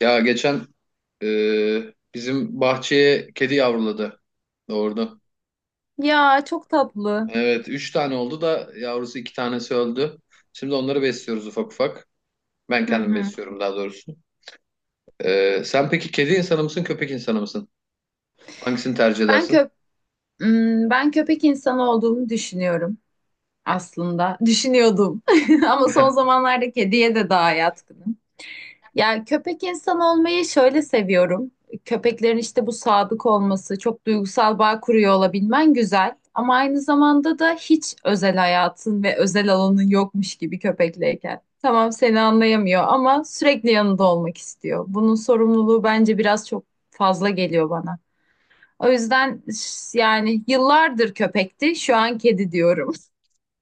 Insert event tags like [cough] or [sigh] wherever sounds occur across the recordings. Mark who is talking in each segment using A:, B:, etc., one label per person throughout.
A: Ya geçen bizim bahçeye kedi yavruladı. Doğurdu.
B: Ya çok tatlı.
A: Evet, üç tane oldu da yavrusu iki tanesi öldü. Şimdi onları besliyoruz ufak ufak. Ben
B: Hı
A: kendim
B: hı.
A: besliyorum daha doğrusu. Sen peki kedi insanı mısın, köpek insanı mısın? Hangisini tercih
B: Ben
A: edersin?
B: köp Ben köpek insanı olduğumu düşünüyorum aslında. Düşünüyordum. [laughs] Ama son
A: [laughs]
B: zamanlarda kediye de daha yatkınım. Ya köpek insanı olmayı şöyle seviyorum. Köpeklerin işte bu sadık olması, çok duygusal bağ kuruyor olabilmen güzel. Ama aynı zamanda da hiç özel hayatın ve özel alanın yokmuş gibi köpekleyken. Tamam seni anlayamıyor ama sürekli yanında olmak istiyor. Bunun sorumluluğu bence biraz çok fazla geliyor bana. O yüzden yani yıllardır köpekti, şu an kedi diyorum. [laughs]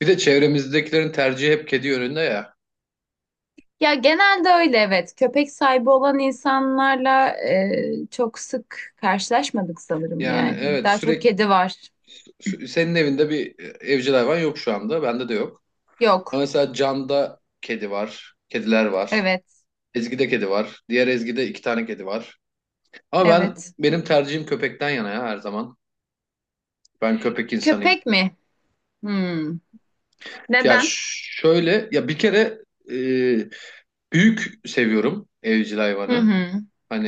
A: Bir de çevremizdekilerin tercihi hep kedi yönünde ya.
B: Ya genelde öyle, evet. Köpek sahibi olan insanlarla çok sık karşılaşmadık sanırım
A: Yani
B: yani.
A: evet
B: Daha çok
A: sürekli
B: kedi var.
A: senin evinde bir evcil hayvan yok şu anda. Bende de yok. Ama
B: Yok.
A: mesela Can'da kedi var, kediler var.
B: Evet.
A: Ezgi'de kedi var. Diğer Ezgi'de iki tane kedi var. Ama ben
B: Evet.
A: benim tercihim köpekten yana ya her zaman. Ben köpek insanıyım.
B: Köpek mi? Hmm.
A: Ya
B: Neden?
A: şöyle ya bir kere e, büyük seviyorum evcil
B: Hı
A: hayvanı.
B: hı.
A: Hani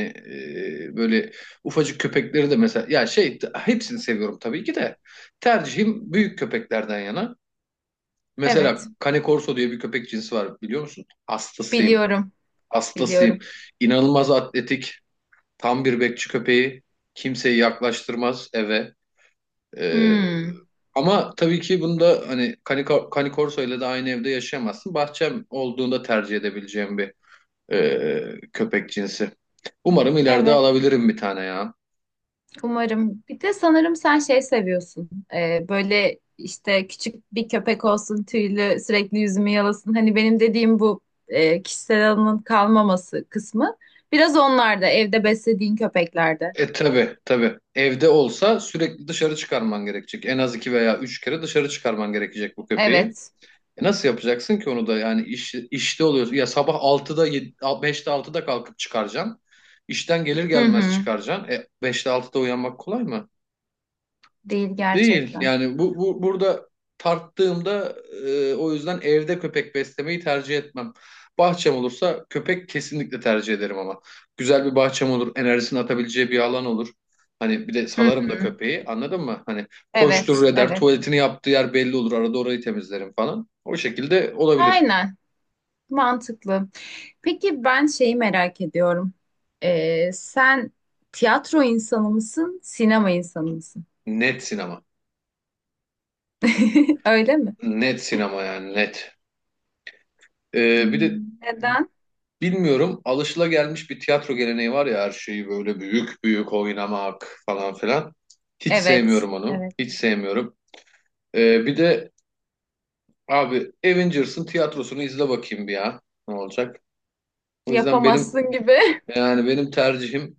A: böyle ufacık köpekleri de mesela ya şey hepsini seviyorum tabii ki de tercihim büyük köpeklerden yana. Mesela
B: Evet.
A: Cane Corso diye bir köpek cinsi var biliyor musun? Hastasıyım.
B: Biliyorum.
A: Hastasıyım.
B: Biliyorum.
A: İnanılmaz atletik. Tam bir bekçi köpeği. Kimseyi yaklaştırmaz eve. Ee,
B: Hmm.
A: Ama tabii ki bunda hani Canicorso ile de aynı evde yaşayamazsın. Bahçem olduğunda tercih edebileceğim bir köpek cinsi. Umarım ileride
B: Evet.
A: alabilirim bir tane ya.
B: Umarım. Bir de sanırım sen şey seviyorsun. Böyle işte küçük bir köpek olsun, tüylü, sürekli yüzümü yalasın. Hani benim dediğim bu kişisel alanın kalmaması kısmı. Biraz onlarda, evde beslediğin köpeklerde.
A: E tabii tabii. Evde olsa sürekli dışarı çıkarman gerekecek. En az iki veya üç kere dışarı çıkarman gerekecek bu köpeği.
B: Evet.
A: E nasıl yapacaksın ki onu da yani işte oluyorsun. Ya sabah altıda 7, 5'te 6'da kalkıp çıkaracaksın. İşten gelir
B: Hı
A: gelmez
B: hı.
A: çıkaracaksın. E 5'te 6'da uyanmak kolay mı?
B: Değil
A: Değil.
B: gerçekten.
A: Yani bu, bu burada tarttığımda o yüzden evde köpek beslemeyi tercih etmem. Bahçem olursa köpek kesinlikle tercih ederim ama. Güzel bir bahçem olur, enerjisini atabileceği bir alan olur. Hani bir de
B: Hı
A: salarım
B: hı.
A: da köpeği anladın mı? Hani koşturur
B: Evet,
A: eder,
B: evet.
A: tuvaletini yaptığı yer belli olur. Arada orayı temizlerim falan. O şekilde olabilir.
B: Aynen. Mantıklı. Peki ben şeyi merak ediyorum. Sen tiyatro insanı mısın, sinema insanı mısın?
A: Net sinema.
B: [laughs] Öyle mi?
A: Net sinema yani net. Bir de
B: Hmm. Neden?
A: bilmiyorum alışılagelmiş bir tiyatro geleneği var ya her şeyi böyle büyük büyük oynamak falan filan. Hiç
B: Evet.
A: sevmiyorum onu.
B: Evet.
A: Hiç sevmiyorum. Bir de abi Avengers'ın tiyatrosunu izle bakayım bir ya. Ne olacak? O yüzden
B: Yapamazsın gibi.
A: yani benim tercihim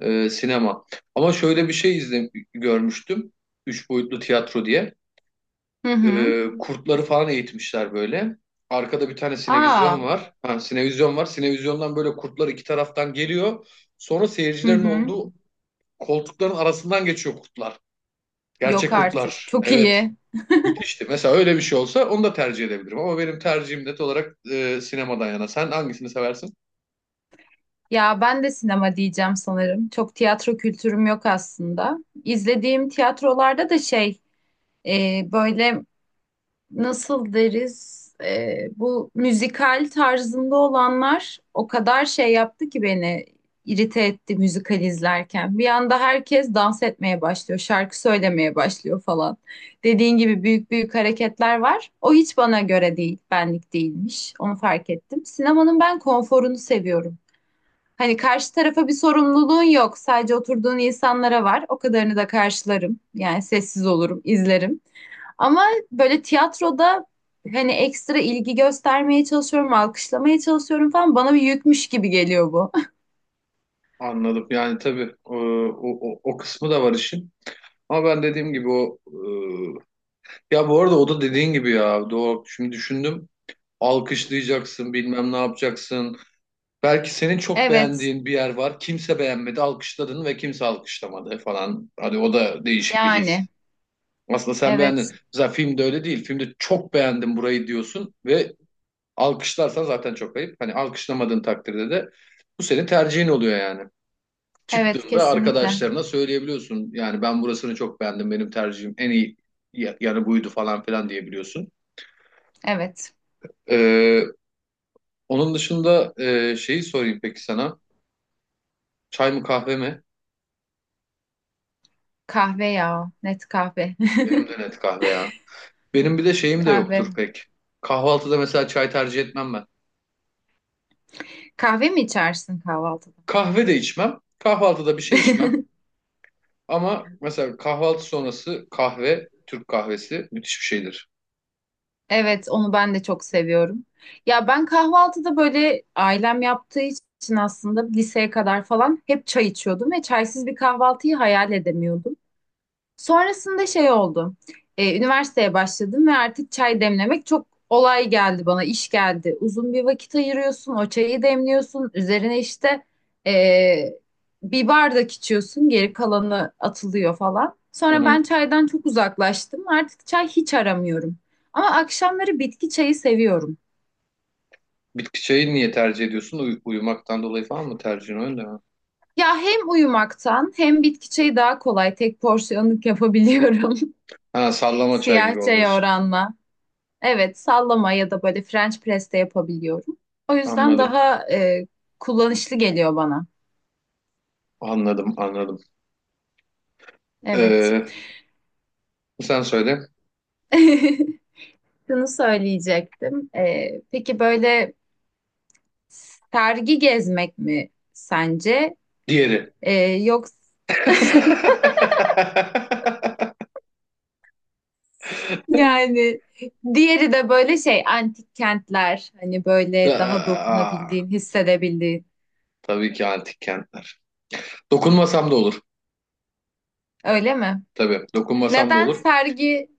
A: sinema. Ama şöyle bir şey izle, görmüştüm. Üç boyutlu tiyatro diye.
B: [laughs] Hı hı.
A: Kurtları falan eğitmişler böyle. Arkada bir tane sinevizyon
B: Aa.
A: var. Ha, sinevizyon var. Sinevizyondan böyle kurtlar iki taraftan geliyor. Sonra
B: Hı
A: seyircilerin
B: hı.
A: olduğu koltukların arasından geçiyor kurtlar.
B: Yok
A: Gerçek
B: artık.
A: kurtlar.
B: Çok
A: Evet.
B: iyi.
A: Müthişti. Mesela öyle bir şey olsa onu da tercih edebilirim. Ama benim tercihim net olarak sinemadan yana. Sen hangisini seversin?
B: Ya ben de sinema diyeceğim sanırım. Çok tiyatro kültürüm yok aslında. İzlediğim tiyatrolarda da şey böyle nasıl deriz, bu müzikal tarzında olanlar o kadar şey yaptı ki beni irite etti müzikal izlerken. Bir anda herkes dans etmeye başlıyor, şarkı söylemeye başlıyor falan. Dediğin gibi büyük büyük hareketler var. O hiç bana göre değil, benlik değilmiş. Onu fark ettim. Sinemanın ben konforunu seviyorum. Hani karşı tarafa bir sorumluluğun yok. Sadece oturduğun insanlara var. O kadarını da karşılarım. Yani sessiz olurum, izlerim. Ama böyle tiyatroda hani ekstra ilgi göstermeye çalışıyorum, alkışlamaya çalışıyorum falan, bana bir yükmüş gibi geliyor bu. [laughs]
A: Anladım. Yani tabii o kısmı da var işin. Ama ben dediğim gibi o. Ya bu arada o da dediğin gibi ya. Doğru. Şimdi düşündüm. Alkışlayacaksın, bilmem ne yapacaksın. Belki senin çok
B: Evet,
A: beğendiğin bir yer var. Kimse beğenmedi, alkışladın ve kimse alkışlamadı falan. Hadi o da değişik bir
B: yani
A: his. Aslında sen beğendin.
B: evet,
A: Mesela filmde öyle değil. Filmde çok beğendim burayı diyorsun ve alkışlarsan zaten çok ayıp. Hani alkışlamadığın takdirde de bu senin tercihin oluyor yani.
B: evet
A: Çıktığında
B: kesinlikle.
A: arkadaşlarına söyleyebiliyorsun. Yani ben burasını çok beğendim. Benim tercihim en iyi yanı buydu falan filan diyebiliyorsun.
B: Evet.
A: Ee, Onun dışında şeyi sorayım peki sana. Çay mı kahve mi?
B: Kahve ya, net kahve.
A: Benim de net kahve ya. Benim bir de
B: [laughs]
A: şeyim de
B: Kahve.
A: yoktur pek. Kahvaltıda mesela çay tercih etmem ben.
B: Kahve mi içersin kahvaltıda?
A: Kahve de içmem. Kahvaltıda bir şey içmem.
B: [laughs]
A: Ama mesela kahvaltı sonrası kahve, Türk kahvesi müthiş bir şeydir.
B: Evet, onu ben de çok seviyorum. Ya ben kahvaltıda böyle ailem yaptığı için aslında liseye kadar falan hep çay içiyordum ve çaysız bir kahvaltıyı hayal edemiyordum. Sonrasında şey oldu. Üniversiteye başladım ve artık çay demlemek çok olay geldi bana, iş geldi. Uzun bir vakit ayırıyorsun, o çayı demliyorsun. Üzerine işte ee, bir bardak içiyorsun, geri kalanı atılıyor falan.
A: Hı
B: Sonra
A: hı.
B: ben çaydan çok uzaklaştım. Artık çay hiç aramıyorum. Ama akşamları bitki çayı seviyorum.
A: Bitki çayı niye tercih ediyorsun? Uyumaktan dolayı falan mı tercihin öyle mi?
B: Ya hem uyumaktan hem bitki çayı daha kolay tek porsiyonluk yapabiliyorum.
A: Ha
B: [laughs]
A: sallama çay gibi
B: Siyah
A: olduğu
B: çaya
A: için.
B: oranla. Evet, sallama ya da böyle French press de yapabiliyorum. O yüzden
A: Anladım,
B: daha kullanışlı geliyor bana.
A: anladım, anladım.
B: Evet.
A: Ee, Sen söyle.
B: [laughs] Şunu söyleyecektim. E, peki böyle sergi gezmek mi sence?
A: Diğeri.
B: E, Yoksa [laughs]
A: [laughs]
B: yani diğeri de böyle şey antik kentler, hani
A: Ta-
B: böyle daha
A: Aa,
B: dokunabildiğin, hissedebildiğin.
A: tabii ki antik kentler. Dokunmasam da olur.
B: Öyle mi?
A: Tabii, dokunmasam da
B: Neden
A: olur.
B: sergi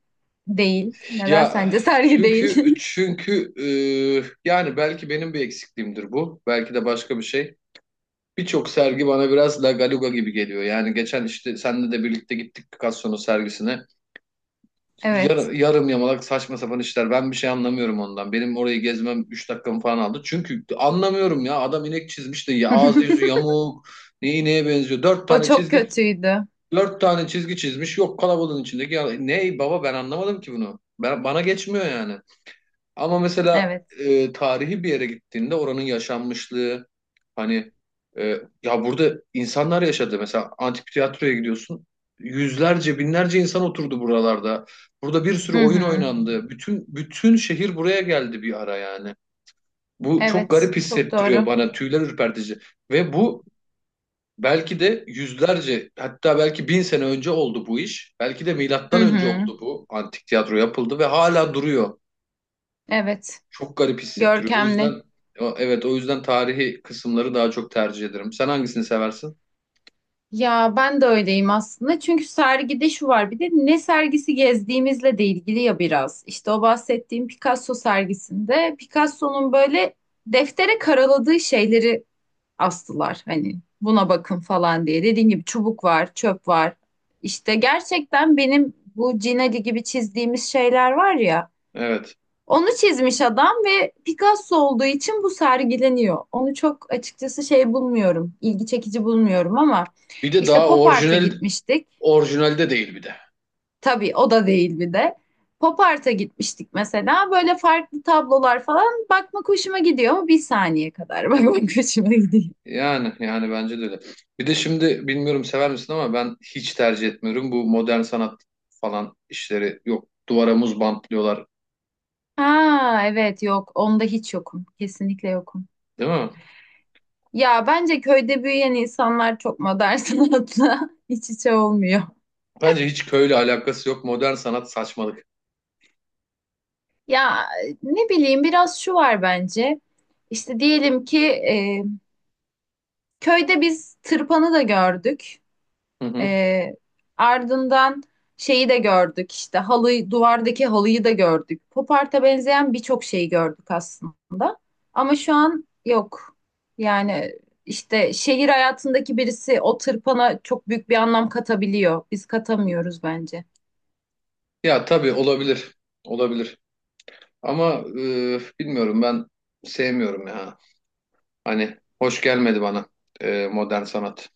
B: değil? Neden
A: Ya
B: sence sergi değil? [laughs]
A: çünkü yani belki benim bir eksikliğimdir bu. Belki de başka bir şey. Birçok sergi bana biraz La Galuga gibi geliyor. Yani geçen işte seninle de birlikte gittik Picasso'nun sergisine.
B: Evet.
A: Yarım yamalak saçma sapan işler. Ben bir şey anlamıyorum ondan. Benim orayı gezmem 3 dakikamı falan aldı. Çünkü anlamıyorum ya. Adam inek çizmiş de ya, ağzı yüzü
B: [laughs]
A: yamuk. Neyi neye benziyor?
B: O çok kötüydü.
A: Dört tane çizgi çizmiş. Yok kalabalığın içindeki. Ya, ne baba ben anlamadım ki bunu. Bana geçmiyor yani. Ama mesela
B: Evet.
A: tarihi bir yere gittiğinde oranın yaşanmışlığı hani e, ya burada insanlar yaşadı. Mesela antik tiyatroya gidiyorsun. Yüzlerce, binlerce insan oturdu buralarda. Burada bir sürü
B: Hı
A: oyun
B: hı.
A: oynandı. Bütün şehir buraya geldi bir ara yani. Bu çok
B: Evet.
A: garip
B: Çok
A: hissettiriyor
B: doğru.
A: bana. Tüyler ürpertici. Ve bu Belki de yüzlerce hatta belki 1000 sene önce oldu bu iş. Belki de
B: Hı
A: milattan önce
B: hı.
A: oldu bu antik tiyatro yapıldı ve hala duruyor.
B: Evet.
A: Çok garip hissettiriyor. O
B: Görkemli.
A: yüzden evet o yüzden tarihi kısımları daha çok tercih ederim. Sen hangisini seversin?
B: Ya ben de öyleyim aslında. Çünkü sergide şu var, bir de ne sergisi gezdiğimizle de ilgili ya biraz. İşte o bahsettiğim Picasso sergisinde Picasso'nun böyle deftere karaladığı şeyleri astılar. Hani buna bakın falan diye. Dediğim gibi çubuk var, çöp var. İşte gerçekten benim bu Cinali gibi çizdiğimiz şeyler var ya.
A: Evet.
B: Onu çizmiş adam ve Picasso olduğu için bu sergileniyor. Onu çok açıkçası şey bulmuyorum, ilgi çekici bulmuyorum ama
A: Bir de
B: işte
A: daha
B: pop art'a
A: orijinal
B: gitmiştik.
A: orijinalde değil bir de.
B: Tabii o da değil bir de. Pop art'a gitmiştik mesela. Böyle farklı tablolar falan bakmak hoşuma gidiyor ama bir saniye kadar [laughs] bakmak hoşuma gidiyor.
A: Yani bence de öyle. Bir de şimdi bilmiyorum sever misin ama ben hiç tercih etmiyorum bu modern sanat falan işleri. Yok duvara muz bantlıyorlar
B: Ha evet, yok onda hiç yokum. Kesinlikle yokum.
A: değil mi?
B: Ya bence köyde büyüyen insanlar çok modern [laughs] sanatla iç içe olmuyor.
A: Bence hiç köyle alakası yok. Modern sanat saçmalık.
B: Ya ne bileyim, biraz şu var bence. İşte diyelim ki köyde biz tırpanı da gördük.
A: Hı hı.
B: E, Ardından şeyi de gördük işte halıyı, duvardaki halıyı da gördük. Poparta benzeyen birçok şeyi gördük aslında. Ama şu an yok. Yani işte şehir hayatındaki birisi o tırpana çok büyük bir anlam katabiliyor. Biz katamıyoruz bence.
A: Ya tabii olabilir. Olabilir. Ama bilmiyorum ben sevmiyorum ya. Hani hoş gelmedi bana modern sanat.